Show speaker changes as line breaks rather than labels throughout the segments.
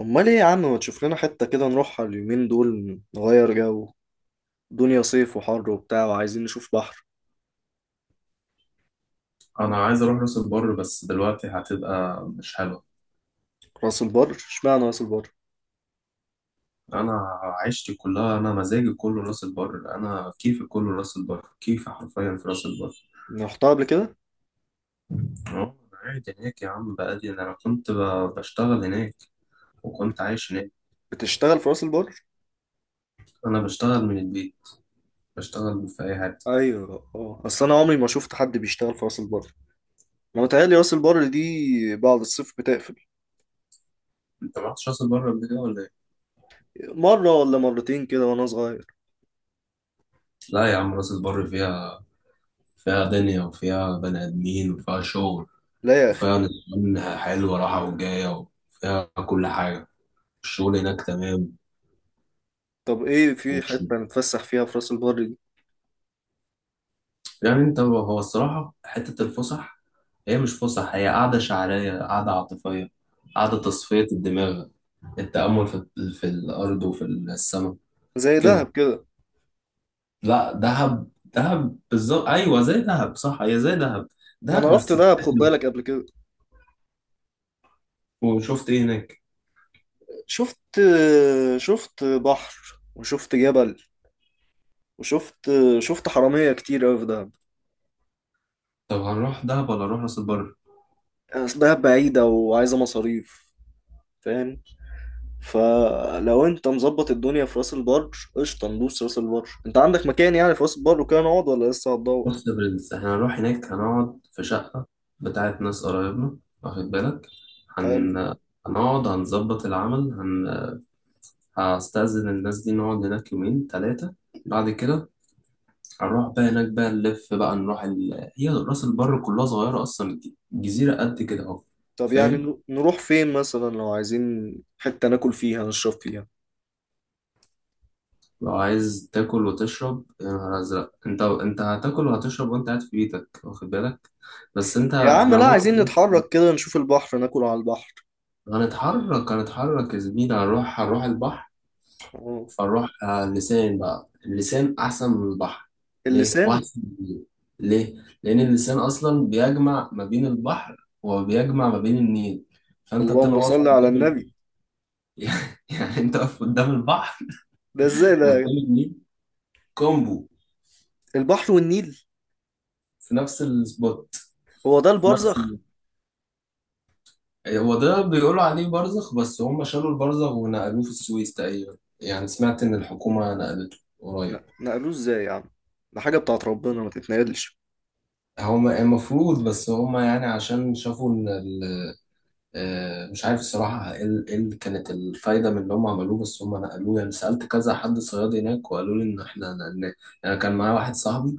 امال ايه يا عم، ما تشوف لنا حتة كده نروحها اليومين دول نغير جو. دنيا صيف وحر وبتاع وعايزين نشوف بحر.
انا عايز اروح راس البر بس دلوقتي هتبقى مش حلوه.
راس البر اشمعنى راس البر؟
انا عشتي كلها مزاجي كله راس البر، كيفي كله راس البر، كيفي حرفيا في راس البر.
رحتها قبل كده؟
اه انا قاعد هناك يا عم، بقالي انا كنت بشتغل هناك وكنت عايش هناك.
بتشتغل في راس البر؟
انا بشتغل من البيت، بشتغل في اي حته.
ايوه اه، اصل انا عمري ما شفت حد بيشتغل في راس البر. انا متهيألي راس البر دي بعد الصيف بتقفل.
انت ما رحتش راس البر قبل كده ولا ايه؟
مرة ولا مرتين كده وانا صغير.
لا يا عم، راس البر فيها، فيها دنيا وفيها بني ادمين وفيها شغل،
لا يا اخي.
وفيها نظام حلو، راحه وجايه، وفيها كل حاجه. الشغل هناك تمام.
طب ايه في حتة نتفسح فيها في راس البر دي؟
يعني انت هو هو الصراحة حتة الفسح هي مش فسح، هي قعدة شعرية، قعدة عاطفية، قعدة تصفية الدماغ، التأمل في الأرض وفي السماء.
زي
كده.
دهب كده؟
لا دهب دهب بالظبط، أيوة زي دهب صح، هي زي دهب، دهب
انا رحت
بس
دهب خد
بتاكل.
بالك قبل كده.
وشفت إيه هناك؟
شفت، شفت بحر، وشفت جبل، وشفت حرامية كتير أوي في دهب.
طب هنروح دهب ولا نروح راس البر؟
يعني أصل دهب بعيدة وعايزة مصاريف، فاهم؟ فلو أنت مظبط الدنيا في راس البر، قشطة ندوس راس البر. أنت عندك مكان يعني في راس البر وكده نقعد ولا لسه هتدور؟
بص يا برنس، احنا هنروح هناك هنقعد في شقة بتاعت ناس قرايبنا، واخد بالك،
حلو.
هن... هنقعد هنظبط العمل، هستأذن الناس دي نقعد هناك يومين تلاتة، بعد كده هنروح بقى هناك بقى نلف بقى هي راس البر كلها صغيرة أصلا، الجزيرة قد كده أهو.
طب يعني
فاهم.
نروح فين مثلا لو عايزين حتة ناكل فيها نشرب فيها؟
لو عايز تاكل وتشرب، يا نهار أزرق، أنت هتاكل وهتشرب وأنت قاعد في بيتك، واخد بالك. بس أنت،
يا عم
إحنا
لا، عايزين
ممكن
نتحرك كده نشوف البحر، ناكل على البحر.
هنتحرك يا زميلي، هنروح البحر.
أه.
فنروح على اللسان بقى، اللسان أحسن من البحر. ليه؟
اللسان؟
وأحسن من النيل. ليه؟ لأن اللسان أصلا بيجمع ما بين البحر وبيجمع ما بين النيل، فأنت بتبقى
اللهم
واقف
صل على النبي.
يعني أنت واقف قدام البحر
ده ازاي ده؟
وقدام النيل، كومبو،
البحر والنيل؟
في نفس السبوت،
هو ده
في نفس
البرزخ.
ال... هو ده بيقولوا عليه برزخ، بس هم شالوا البرزخ ونقلوه في السويس تقريبا. يعني سمعت إن الحكومة نقلته
لا
قريب.
نقلوه ازاي يا عم؟ ده حاجة بتاعت ربنا ما تتنقلش.
هما المفروض، بس يعني عشان شافوا إن آه، مش عارف الصراحة ايه إيه اللي كانت الفايدة من اللي هم عملوه، بس هم نقلوه. يعني سألت كذا حد صياد هناك وقالوا لي إن إحنا نقلناه. يعني كان معايا واحد صاحبي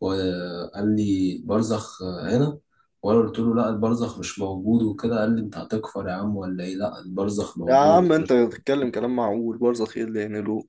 وقال لي برزخ هنا، وأنا قلت له لا، البرزخ مش موجود وكده. قال لي أنت هتكفر يا عم ولا إيه؟ لا، البرزخ
يا
موجود.
عم انت بتتكلم كلام معقول، برزة خير اللي ينقلوه.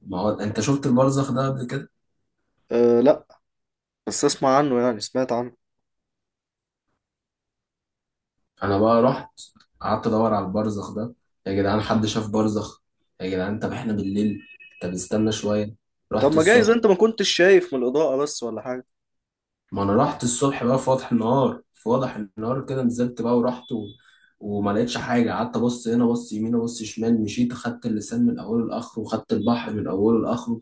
ما هو أنت شفت البرزخ ده قبل كده؟
أه لا، بس اسمع عنه، يعني سمعت عنه.
أنا بقى رحت، قعدت أدور على البرزخ ده. يا جدعان، حد شاف برزخ؟ يا جدعان، طب إحنا بالليل، طب استنى شوية،
طب
رحت
ما جايز
الصبح.
انت ما كنتش شايف من الإضاءة بس ولا حاجة؟
ما انا رحت الصبح بقى، في وضح النهار، في وضح النهار كده، نزلت بقى ورحت وما لقيتش حاجه. قعدت ابص هنا، ابص يمين، ابص شمال، مشيت اخدت اللسان من اوله لاخره، وخدت البحر من اوله لاخره.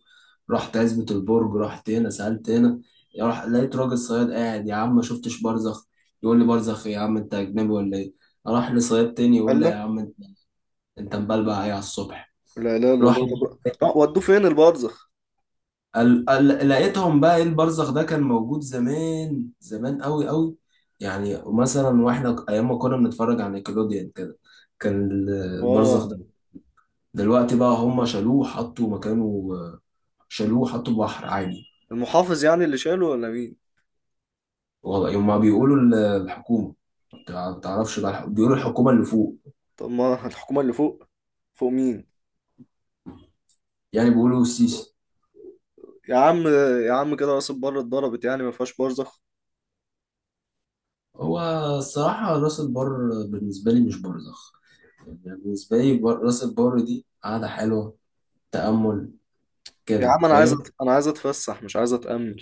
رحت عزبة البرج، رحت هنا، سالت هنا، لقيت راجل صياد قاعد. يا عم ما شفتش برزخ. يقول لي برزخ إيه يا عم، انت اجنبي ولا ايه؟ اروح لصياد تاني يقول
قال
لي يا
لا.
عم، انت مبلبع ايه على الصبح؟
لا لا لا الله. طب لا، ودوه فين البرزخ؟
لقيتهم بقى، ايه البرزخ ده؟ كان موجود زمان، زمان قوي قوي، يعني مثلا واحنا ايام ما كنا بنتفرج على نيكلوديان كده، كان البرزخ
اه
ده، دلوقتي بقى هم شالوه حطوا مكانه، شالوه حطوا بحر عادي.
المحافظ يعني اللي شاله ولا مين؟
والله يوم ما بيقولوا الحكومة، ما تعرفش بقى بيقولوا الحكومة اللي فوق،
طب ما الحكومة اللي فوق؟ فوق مين؟
يعني بيقولوا السيسي.
يا عم. يا عم كده راس البر اتضربت، يعني ما فيهاش برزخ.
هو الصراحة راس البر بالنسبة لي مش برزخ، يعني بالنسبة لي راس البر دي قعدة حلوة، تأمل
يا
كده،
عم انا عايز
فاهم.
انا عايز اتفسح مش عايز اتأمل.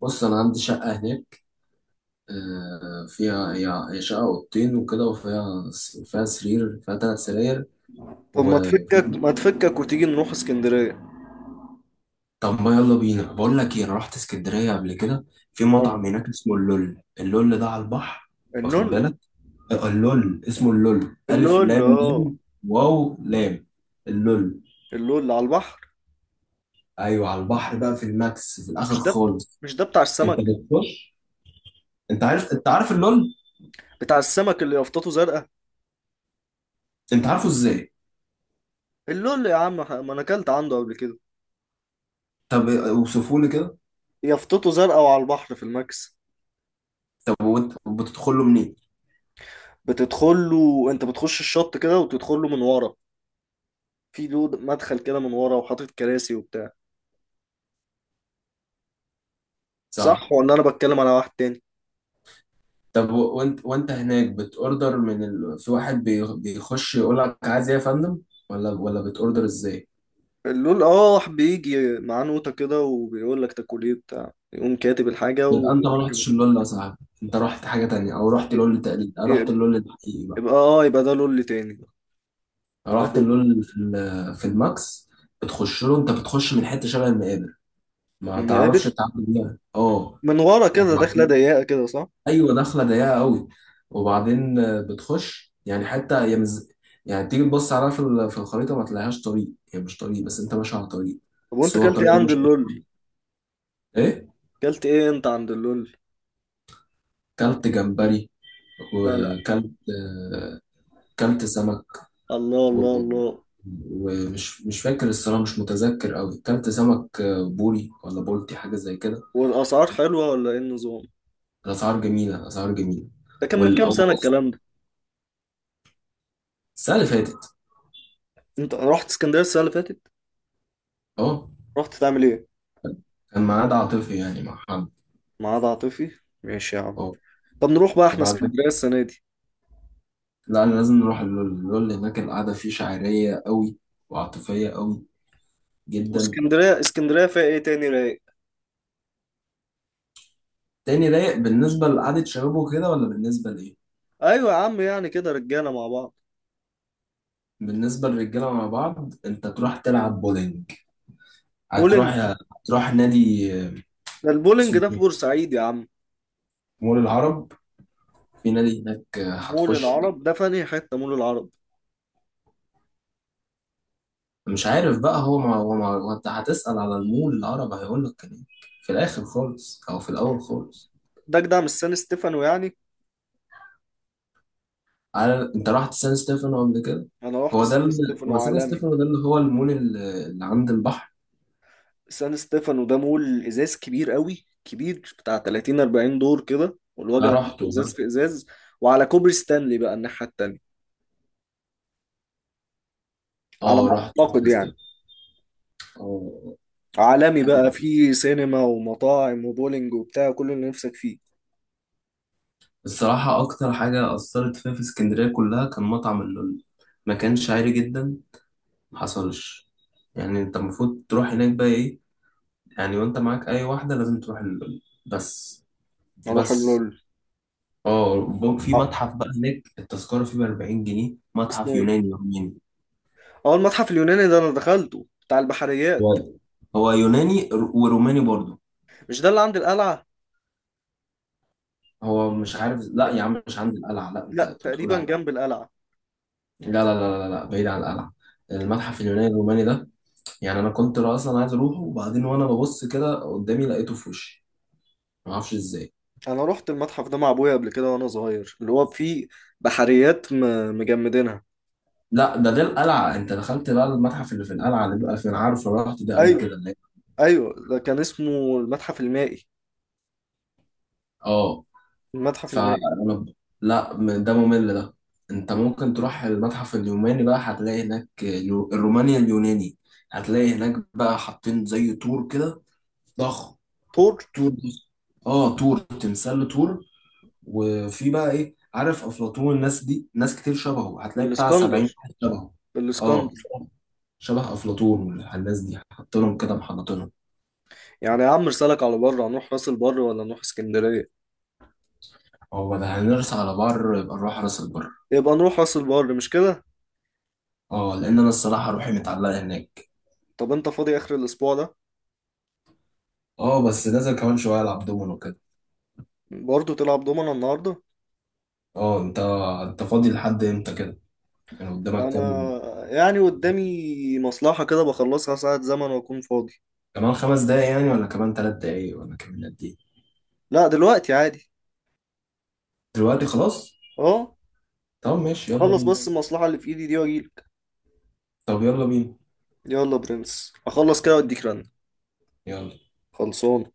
بص انا عندي شقه هناك، آه، فيها هي هي شقه اوضتين وكده، فيها سرير، فيها ثلاث سراير
طب ما
وفي
تفكك، ما تفكك وتيجي نروح اسكندرية؟
طب ما يلا بينا، بقول لك ايه، انا رحت اسكندريه قبل كده، في
ولا
مطعم هناك اسمه اللول، اللول ده على البحر، واخد
النون؟
بالك، آه، اللول اسمه اللول، الف
اللول؟
لام
اه
لام واو لام، اللول.
اللول اللي على البحر.
ايوه على البحر بقى، في الماكس، في الاخر
مش ده،
خالص.
مش ده بتاع
انت
السمك؟
بتخش، انت عارف، انت عارف اللول.
بتاع السمك اللي يافطته زرقاء.
انت عارفه ازاي؟
اللول يا عم، ما انا اكلت عنده قبل كده.
طب اوصفه لي كده.
يافطته زرقاء وعلى البحر في الماكس.
طب وانت بتدخله منين؟
بتدخل له، انت بتخش الشط كده وتدخل له من ورا. في له مدخل كده من ورا وحاطط كراسي وبتاع. صح،
صح.
ولا انا بتكلم على واحد تاني؟
طب وانت هناك بتوردر في واحد بيخش يقول لك عايز ايه يا فندم، ولا بتوردر ازاي؟
اللول اه، بيجي معاه نوتة كده وبيقول لك تاكل ايه بتاع، يقوم كاتب الحاجة
يبقى
ويقول
انت ما
لك.
رحتش اللول يا صاحبي، انت رحت حاجه تانية، او رحت لول تقليد، او رحت اللول الحقيقي بقى،
يبقى اه، يبقى ده لول تاني.
او رحت
يبقى
اللول اللي في الماكس. بتخش له، انت بتخش من حته شبه المقابر، ما تعرفش
ده-
تعمل بيها اه.
من ورا كده، داخله ضيقه كده، صح.
ايوه، دخله ضيقه قوي، وبعدين آه، بتخش، يعني حتى هي يعني تيجي تبص عليها في في الخريطه ما تلاقيهاش طريق، هي مش طريق بس انت ماشي على طريق،
طب
بس
وانت
هو
كلت ايه
الطريق ده
عند
مش
اللول؟
ايه.
كلت ايه انت عند اللول؟
كلت جمبري،
لا لا.
وكلت آه، كلت سمك
الله
و...
الله الله.
ومش، مش فاكر الصراحه، مش متذكر قوي، كلت سمك آه، بوري ولا بولتي، حاجه زي كده.
والاسعار حلوه ولا ايه النظام؟
الاسعار جميله، اسعار جميله.
ده كان من كام
والاول،
سنه الكلام ده؟
السنه اللي فاتت.
انت رحت اسكندريه السنه اللي فاتت؟
اه،
رحت تعمل ايه؟
كان معاد عاطفي يعني مع حد.
معاد عاطفي، ماشي يا عم.
اه.
طب نروح بقى احنا
وبعد،
اسكندريه السنه دي؟
لا أنا لازم نروح اللول، اللول هناك القعدة فيه شعرية قوي وعاطفية قوي جدا.
واسكندريه، اسكندريه فيها ايه تاني رايق؟
تاني رايق بالنسبة لقعدة شباب وكده، ولا بالنسبة لإيه؟
ايوه يا عم، يعني كده رجاله مع بعض.
بالنسبة للرجالة مع بعض، أنت تروح تلعب بولينج،
بولينج؟
هتروح، هتروح نادي آه،
ده البولينج
اسمه
ده في
إيه؟
بورسعيد يا عم.
مول العرب، في نادي هناك آه،
مول
هتخش.
العرب ده في انهي حته مول العرب؟
مش عارف بقى هو، ما هو أنت هتسأل على المول العرب هيقول لك كان إيه، في الآخر خالص أو في الأول خالص.
ده جدع، مش سان ستيفانو يعني؟
على، انت رحت سان ستيفانو قبل كده؟
انا رحت
هو
سان ستيفانو
هو سان
عالمي.
ستيفانو ده اللي هو المول اللي عند البحر،
سان ستيفانو ده مول ازاز كبير قوي، كبير بتاع 30 40 دور كده،
انا
والوجع كله
رحته،
ازاز في ازاز، وعلى كوبري ستانلي بقى الناحيه التانيه. على
اه
ما
رحته
اعتقد
سان
يعني.
ستيفانو. اه
عالمي
حلو.
بقى فيه سينما ومطاعم وبولينج وبتاع كل اللي نفسك فيه.
الصراحة أكتر حاجة أثرت فيا في اسكندرية كلها كان مطعم اللول. ما كانش عالي جدا، محصلش، يعني أنت المفروض تروح هناك بقى إيه، يعني وأنت معاك أي واحدة لازم تروح اللول بس،
اروح
وبس.
اللول.
اه في
آه،
متحف بقى هناك، التذكرة فيه بأربعين جنيه،
اسمه
متحف
ايه؟
يوناني روماني.
اه المتحف اليوناني ده انا دخلته بتاع البحريات.
هو يوناني وروماني برضو.
مش ده اللي عند القلعه؟
هو مش عارف، لا يا عم مش عند القلعة، لا
لا
انت كنت بتقول
تقريبا
على،
جنب القلعه.
لا لا لا لا, لا بعيد عن القلعة، المتحف اليوناني الروماني ده. يعني انا كنت اصلا عايز اروحه، وبعدين وانا ببص كده قدامي لقيته في وشي، ما اعرفش ازاي.
انا رحت المتحف ده مع ابويا قبل كده وانا صغير، اللي هو فيه بحريات مجمدينها.
لا ده القلعة، انت دخلت بقى المتحف اللي في القلعة اللي بقى في، انا عارف، أنا رحت ده قبل
ايوه.
كده اللي هي.
ايوه ده كان اسمه المتحف المائي.
اه.
المتحف
فانا
المائي.
ب- لا ده ممل ده. انت ممكن تروح المتحف اليوناني بقى، هتلاقي هناك الروماني اليوناني، هتلاقي هناك بقى حاطين زي طور كده، ضخم.
طور؟
طور. اه طور، تمثال طور. وفي بقى ايه، عارف افلاطون، الناس دي ناس كتير شبهه، هتلاقي بتاع 70
الاسكندر.
واحد شبهه، اه
الاسكندر.
شبه افلاطون، والناس دي حاطينهم كده محنطينهم.
يعني يا عم رسالك على بره هنروح راس البر ولا نروح اسكندريه؟
هو ده هنرس على بر، يبقى نروح راس البر.
يبقى نروح راس البر مش كده؟
اه، لان انا الصراحه روحي متعلقه هناك.
طب انت فاضي اخر الاسبوع ده؟
اه بس نازل كمان شويه العب دومينو كده.
برضه تلعب دومنا النهارده؟
اه. انت فاضي لحد امتى كده، يعني قدامك كام؟
انا يعني قدامي مصلحه كده بخلصها ساعه زمن واكون فاضي.
كمان خمس دقايق يعني، ولا كمان ثلاث دقايق، ولا كمان قد ايه؟
لا دلوقتي عادي.
دلوقتي خلاص.
اه.
طب ماشي يلا
خلص
بينا.
بس المصلحه اللي في ايدي دي واجيلك.
طب يلا بينا.
يلا برنس اخلص كده واديك رن.
يلا.
خلصان.